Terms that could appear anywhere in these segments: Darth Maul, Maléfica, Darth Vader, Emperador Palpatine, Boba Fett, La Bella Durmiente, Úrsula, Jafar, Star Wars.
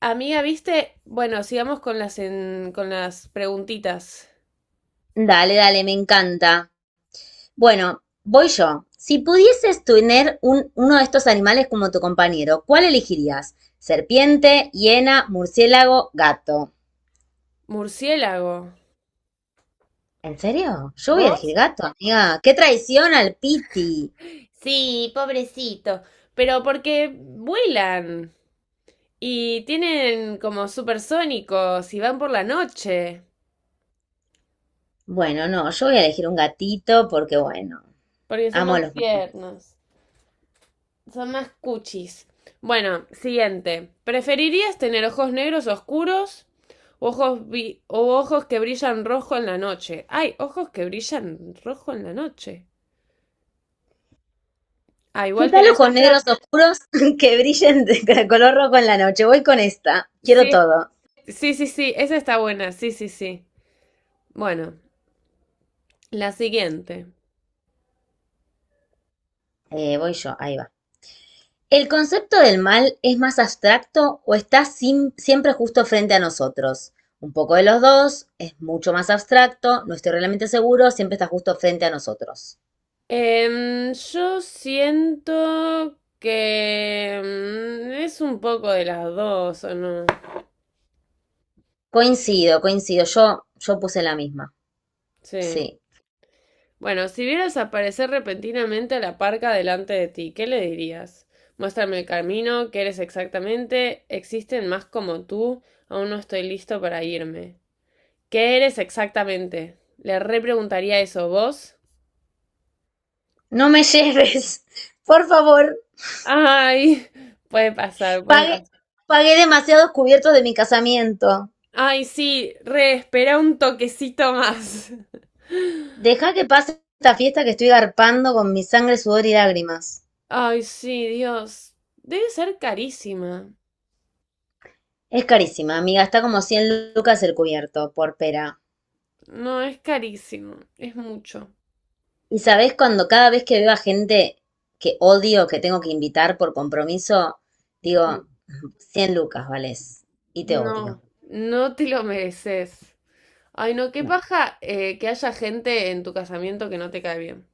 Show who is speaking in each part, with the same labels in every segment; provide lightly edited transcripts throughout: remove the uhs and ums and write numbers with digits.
Speaker 1: Amiga, viste, bueno, sigamos con con las preguntitas.
Speaker 2: Dale, dale, me encanta. Bueno, voy yo. Si pudieses tener uno de estos animales como tu compañero, ¿cuál elegirías? Serpiente, hiena, murciélago, gato.
Speaker 1: Murciélago.
Speaker 2: ¿En serio? Yo voy a
Speaker 1: ¿Vos?
Speaker 2: elegir gato, amiga. ¡Qué traición al Piti!
Speaker 1: Sí, pobrecito. Pero porque vuelan y tienen como supersónicos y van por la noche.
Speaker 2: Bueno, no, yo voy a elegir un gatito porque, bueno,
Speaker 1: Porque son
Speaker 2: amo a
Speaker 1: más
Speaker 2: los...
Speaker 1: tiernos. Son más cuchis. Bueno, siguiente. ¿Preferirías tener ojos negros oscuros o o ojos que brillan rojo en la noche? Ay, ojos que brillan rojo en la noche. Ah,
Speaker 2: ¿Qué
Speaker 1: igual
Speaker 2: tal
Speaker 1: tenés
Speaker 2: ojos negros
Speaker 1: otra.
Speaker 2: oscuros que brillen de color rojo en la noche? Voy con esta. Quiero
Speaker 1: Sí,
Speaker 2: todo.
Speaker 1: sí, sí, sí, esa está buena, sí, sí, sí. Bueno, la siguiente.
Speaker 2: Voy yo, ahí va. ¿El concepto del mal es más abstracto o está siempre justo frente a nosotros? Un poco de los dos, es mucho más abstracto, no estoy realmente seguro, siempre está justo frente a nosotros.
Speaker 1: Yo siento que es un poco de las dos, ¿o no?
Speaker 2: Coincido, coincido, yo puse la misma,
Speaker 1: Sí.
Speaker 2: sí.
Speaker 1: Bueno, si vieras aparecer repentinamente a la parca delante de ti, ¿qué le dirías? Muéstrame el camino, ¿qué eres exactamente? ¿Existen más como tú? Aún no estoy listo para irme. ¿Qué eres exactamente? Le repreguntaría eso, ¿vos?
Speaker 2: No me lleves, por favor,
Speaker 1: Ay, puede pasar, puede
Speaker 2: pagué,
Speaker 1: pasar.
Speaker 2: pagué demasiados cubiertos de mi casamiento.
Speaker 1: Ay, sí, re, espera un toquecito más.
Speaker 2: Deja que pase esta fiesta que estoy garpando con mi sangre, sudor y lágrimas.
Speaker 1: Ay, sí, Dios. Debe ser carísima.
Speaker 2: Es carísima, amiga, está como 100 lucas el cubierto, por pera.
Speaker 1: No, es carísimo, es mucho.
Speaker 2: Y sabes, cuando cada vez que veo a gente que odio, que tengo que invitar por compromiso, digo, 100 lucas, vales, y te odio.
Speaker 1: No, no te lo mereces. Ay, no, qué
Speaker 2: No.
Speaker 1: paja que haya gente en tu casamiento que no te cae bien.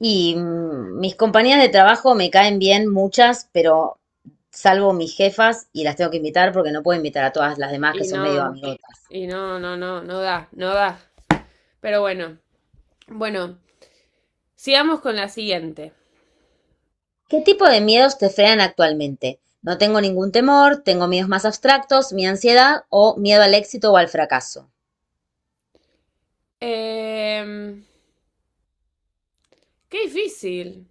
Speaker 2: Y mis compañías de trabajo me caen bien muchas, pero salvo mis jefas y las tengo que invitar porque no puedo invitar a todas las demás
Speaker 1: Y
Speaker 2: que son medio
Speaker 1: no,
Speaker 2: amigotas.
Speaker 1: y no da, no da. Pero bueno, bueno, sigamos con la siguiente.
Speaker 2: ¿Qué tipo de miedos te frenan actualmente? No tengo ningún temor, tengo miedos más abstractos, mi ansiedad o miedo al éxito o al fracaso.
Speaker 1: Em, Qué difícil.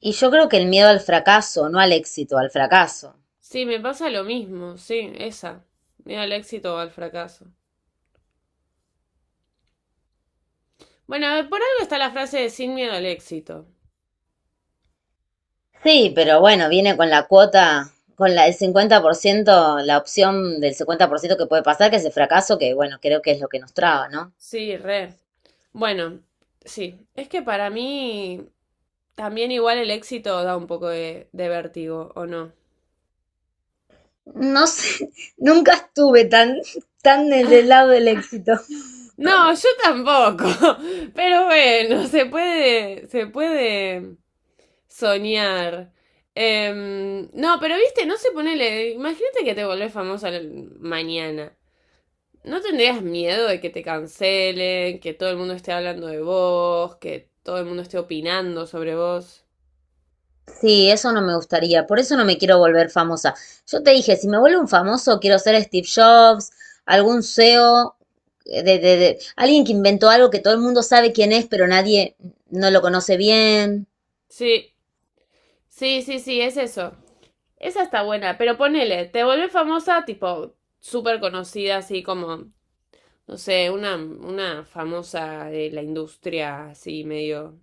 Speaker 2: Y yo creo que el miedo al fracaso, no al éxito, al fracaso.
Speaker 1: Sí, me pasa lo mismo, sí, esa. Miedo al éxito o al fracaso. Bueno, a ver, por algo está la frase de sin miedo al éxito.
Speaker 2: Sí, pero bueno, viene con la cuota, con la, el 50%, la opción del 50% que puede pasar, que es el fracaso, que bueno, creo que es lo que nos traba, ¿no?
Speaker 1: Sí, re. Bueno, sí, es que para mí también igual el éxito da un poco de vértigo, ¿o no?
Speaker 2: No sé, nunca estuve tan, tan del lado del éxito.
Speaker 1: No, yo tampoco. Pero bueno, se puede soñar. No, pero viste, no se ponele. Imagínate que te volvés famosa mañana. ¿No tendrías miedo de que te cancelen, que todo el mundo esté hablando de vos, que todo el mundo esté opinando sobre vos?
Speaker 2: Sí, eso no me gustaría, por eso no me quiero volver famosa. Yo te dije, si me vuelvo un famoso, quiero ser Steve Jobs, algún CEO, alguien que inventó algo que todo el mundo sabe quién es, pero nadie no lo conoce bien.
Speaker 1: Sí, sí, sí, sí, es eso. Esa está buena, pero ponele, te volvés famosa, tipo, súper conocida, así como, no sé, una famosa de la industria, así medio.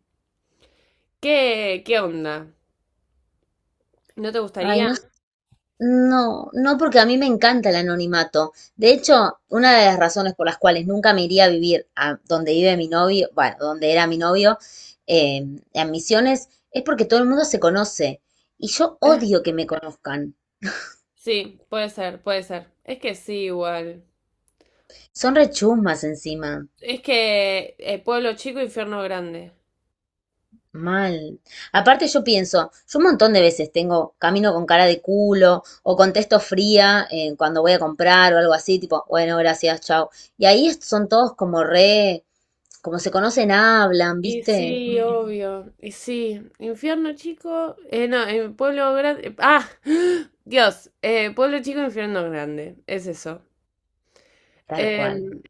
Speaker 1: ¿Qué, qué onda? ¿No te
Speaker 2: Ay,
Speaker 1: gustaría?
Speaker 2: no. No, no porque a mí me encanta el anonimato. De hecho, una de las razones por las cuales nunca me iría a vivir a donde vive mi novio, bueno, donde era mi novio, eh, en Misiones, es porque todo el mundo se conoce. Y yo odio que me conozcan.
Speaker 1: Sí, puede ser, puede ser. Es que sí, igual.
Speaker 2: Son rechusmas encima.
Speaker 1: Es que pueblo chico, infierno grande.
Speaker 2: Mal. Aparte yo pienso, yo un montón de veces tengo, camino con cara de culo o contesto fría cuando voy a comprar o algo así, tipo, bueno, gracias, chao. Y ahí son todos como re, como se conocen, hablan,
Speaker 1: Y
Speaker 2: ¿viste?
Speaker 1: sí,
Speaker 2: Mm,
Speaker 1: obvio. Y sí, infierno chico. No, en pueblo grande. Ah, Dios. Pueblo chico, infierno grande. Es eso.
Speaker 2: tal cual.
Speaker 1: Em,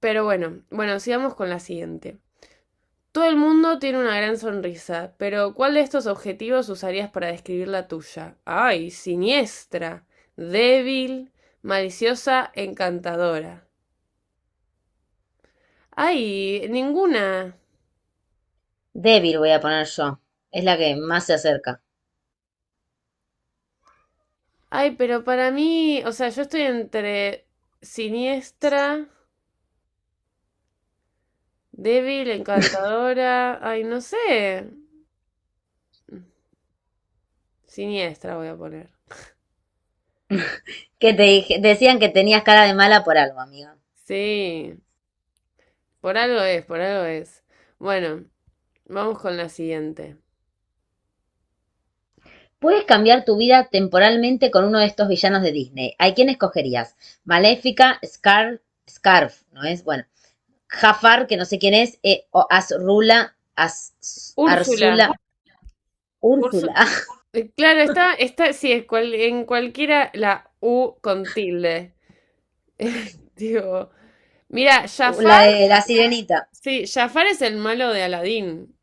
Speaker 1: pero bueno, bueno, sigamos con la siguiente. Todo el mundo tiene una gran sonrisa, pero ¿cuál de estos objetivos usarías para describir la tuya? Ay, siniestra, débil, maliciosa, encantadora. Ay, ninguna.
Speaker 2: Débil voy a poner yo. Es la que más se acerca.
Speaker 1: Ay, pero para mí, o sea, yo estoy entre siniestra, débil, encantadora, ay, no sé. Siniestra voy a poner.
Speaker 2: Que decían que tenías cara de mala por algo, amiga.
Speaker 1: Sí, por algo es, por algo es. Bueno, vamos con la siguiente.
Speaker 2: Puedes cambiar tu vida temporalmente con uno de estos villanos de Disney. ¿A quién escogerías? Maléfica, Scarf, ¿no es? Bueno. Jafar, que no sé quién es, o
Speaker 1: Úrsula.
Speaker 2: Arzula, Úrsula,
Speaker 1: Úrsu-
Speaker 2: ah,
Speaker 1: eh, claro, está, está, sí, en cualquiera la U con tilde. Digo, mira,
Speaker 2: la
Speaker 1: Jafar,
Speaker 2: de la sirenita.
Speaker 1: sí, Jafar es el malo de Aladín.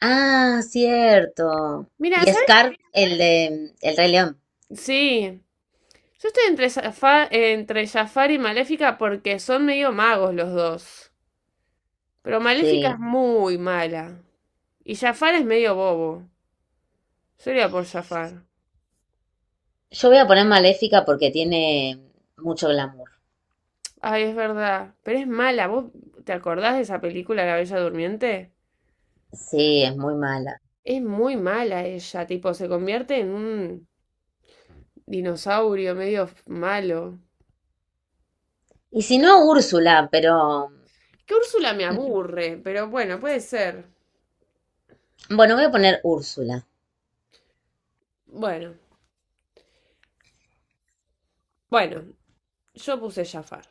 Speaker 2: Ah, cierto.
Speaker 1: Mira,
Speaker 2: Y
Speaker 1: ¿sabes?
Speaker 2: Scar, el de El Rey León.
Speaker 1: Sí. Yo estoy entre, entre Jafar y Maléfica porque son medio magos los dos. Pero Maléfica
Speaker 2: Sí.
Speaker 1: es muy mala. Y Jafar es medio bobo. Yo iría por Jafar.
Speaker 2: Yo voy a poner Maléfica porque tiene mucho glamour.
Speaker 1: Ay, es verdad. Pero es mala. ¿Vos te acordás de esa película, La Bella Durmiente?
Speaker 2: Sí, es muy mala.
Speaker 1: Es muy mala ella. Tipo, se convierte en un dinosaurio malo.
Speaker 2: Y si no, Úrsula, pero...
Speaker 1: Que Úrsula me
Speaker 2: Mm,
Speaker 1: aburre, pero bueno, puede ser.
Speaker 2: bueno, voy a poner Úrsula.
Speaker 1: Bueno, bueno. Yo puse Jafar.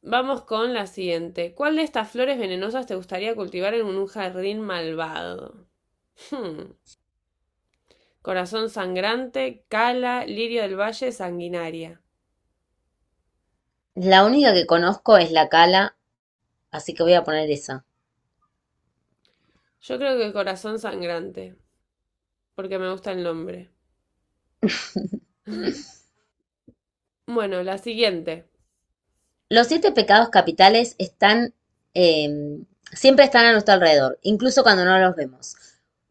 Speaker 1: Vamos con la siguiente. ¿Cuál de estas flores venenosas te gustaría cultivar en un jardín malvado? Hmm. Corazón sangrante, cala, lirio del valle, sanguinaria.
Speaker 2: La única que conozco es la Cala, así que voy a poner esa.
Speaker 1: Yo creo que corazón sangrante, porque me gusta el nombre. Bueno, la siguiente.
Speaker 2: Los 7 pecados capitales están, eh, siempre están a nuestro alrededor, incluso cuando no los vemos.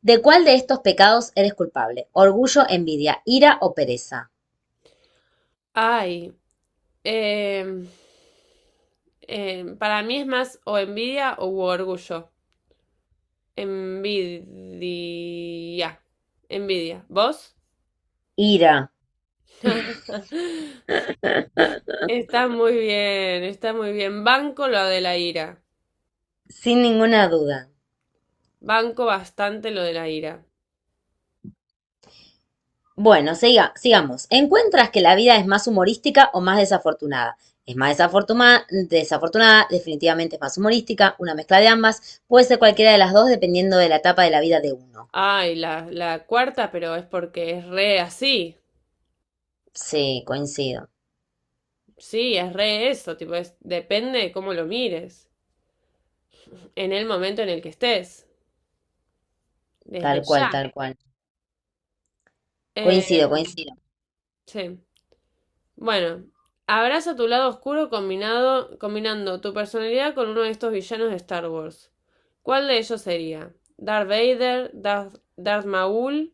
Speaker 2: ¿De cuál de estos pecados eres culpable? Orgullo, envidia, ira o pereza.
Speaker 1: Ay, eh, para mí es más o envidia o orgullo. Envidia. Envidia. ¿Vos?
Speaker 2: Ira,
Speaker 1: Está muy bien, está muy bien. Banco lo de la ira.
Speaker 2: sin ninguna duda.
Speaker 1: Banco bastante lo de la ira.
Speaker 2: Bueno, sigamos. ¿Encuentras que la vida es más humorística o más desafortunada? Es más desafortunada, definitivamente es más humorística, una mezcla de ambas, puede ser cualquiera de las dos dependiendo de la etapa de la vida de uno.
Speaker 1: Ay, la cuarta, pero es porque es re así.
Speaker 2: Sí, coincido,
Speaker 1: Sí, es re eso, tipo, es, depende de cómo lo mires, en el momento en el que estés, desde
Speaker 2: tal cual,
Speaker 1: ya.
Speaker 2: tal cual.
Speaker 1: Eh,
Speaker 2: Coincido, coincido.
Speaker 1: sí. Bueno, abraza tu lado oscuro combinado, combinando tu personalidad con uno de estos villanos de Star Wars. ¿Cuál de ellos sería? ¿Darth Vader? Darth Maul?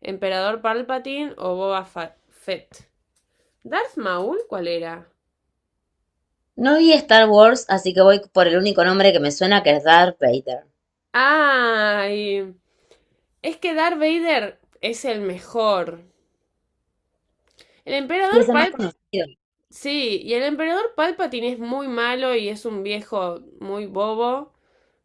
Speaker 1: ¿Emperador Palpatine o Boba Fett? ¿Darth Maul cuál era?
Speaker 2: No vi Star Wars, así que voy por el único nombre que me suena, que es Darth Vader.
Speaker 1: ¡Ay! Es que Darth Vader es el mejor. El emperador
Speaker 2: Y es el más
Speaker 1: Pal...
Speaker 2: conocido.
Speaker 1: Sí, y el emperador Palpatine es muy malo y es un viejo muy bobo.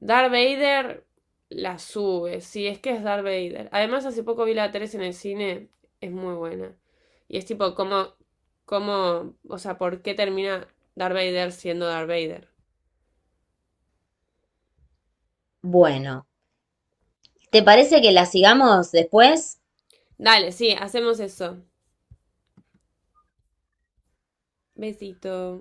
Speaker 1: Darth Vader la sube, sí, es que es Darth Vader. Además, hace poco vi la 3 en el cine, es muy buena. Y es tipo, cómo, o sea, por qué termina Darth Vader siendo Darth Vader?
Speaker 2: Bueno, ¿te parece que la sigamos después?
Speaker 1: Dale, sí, hacemos eso. Besito.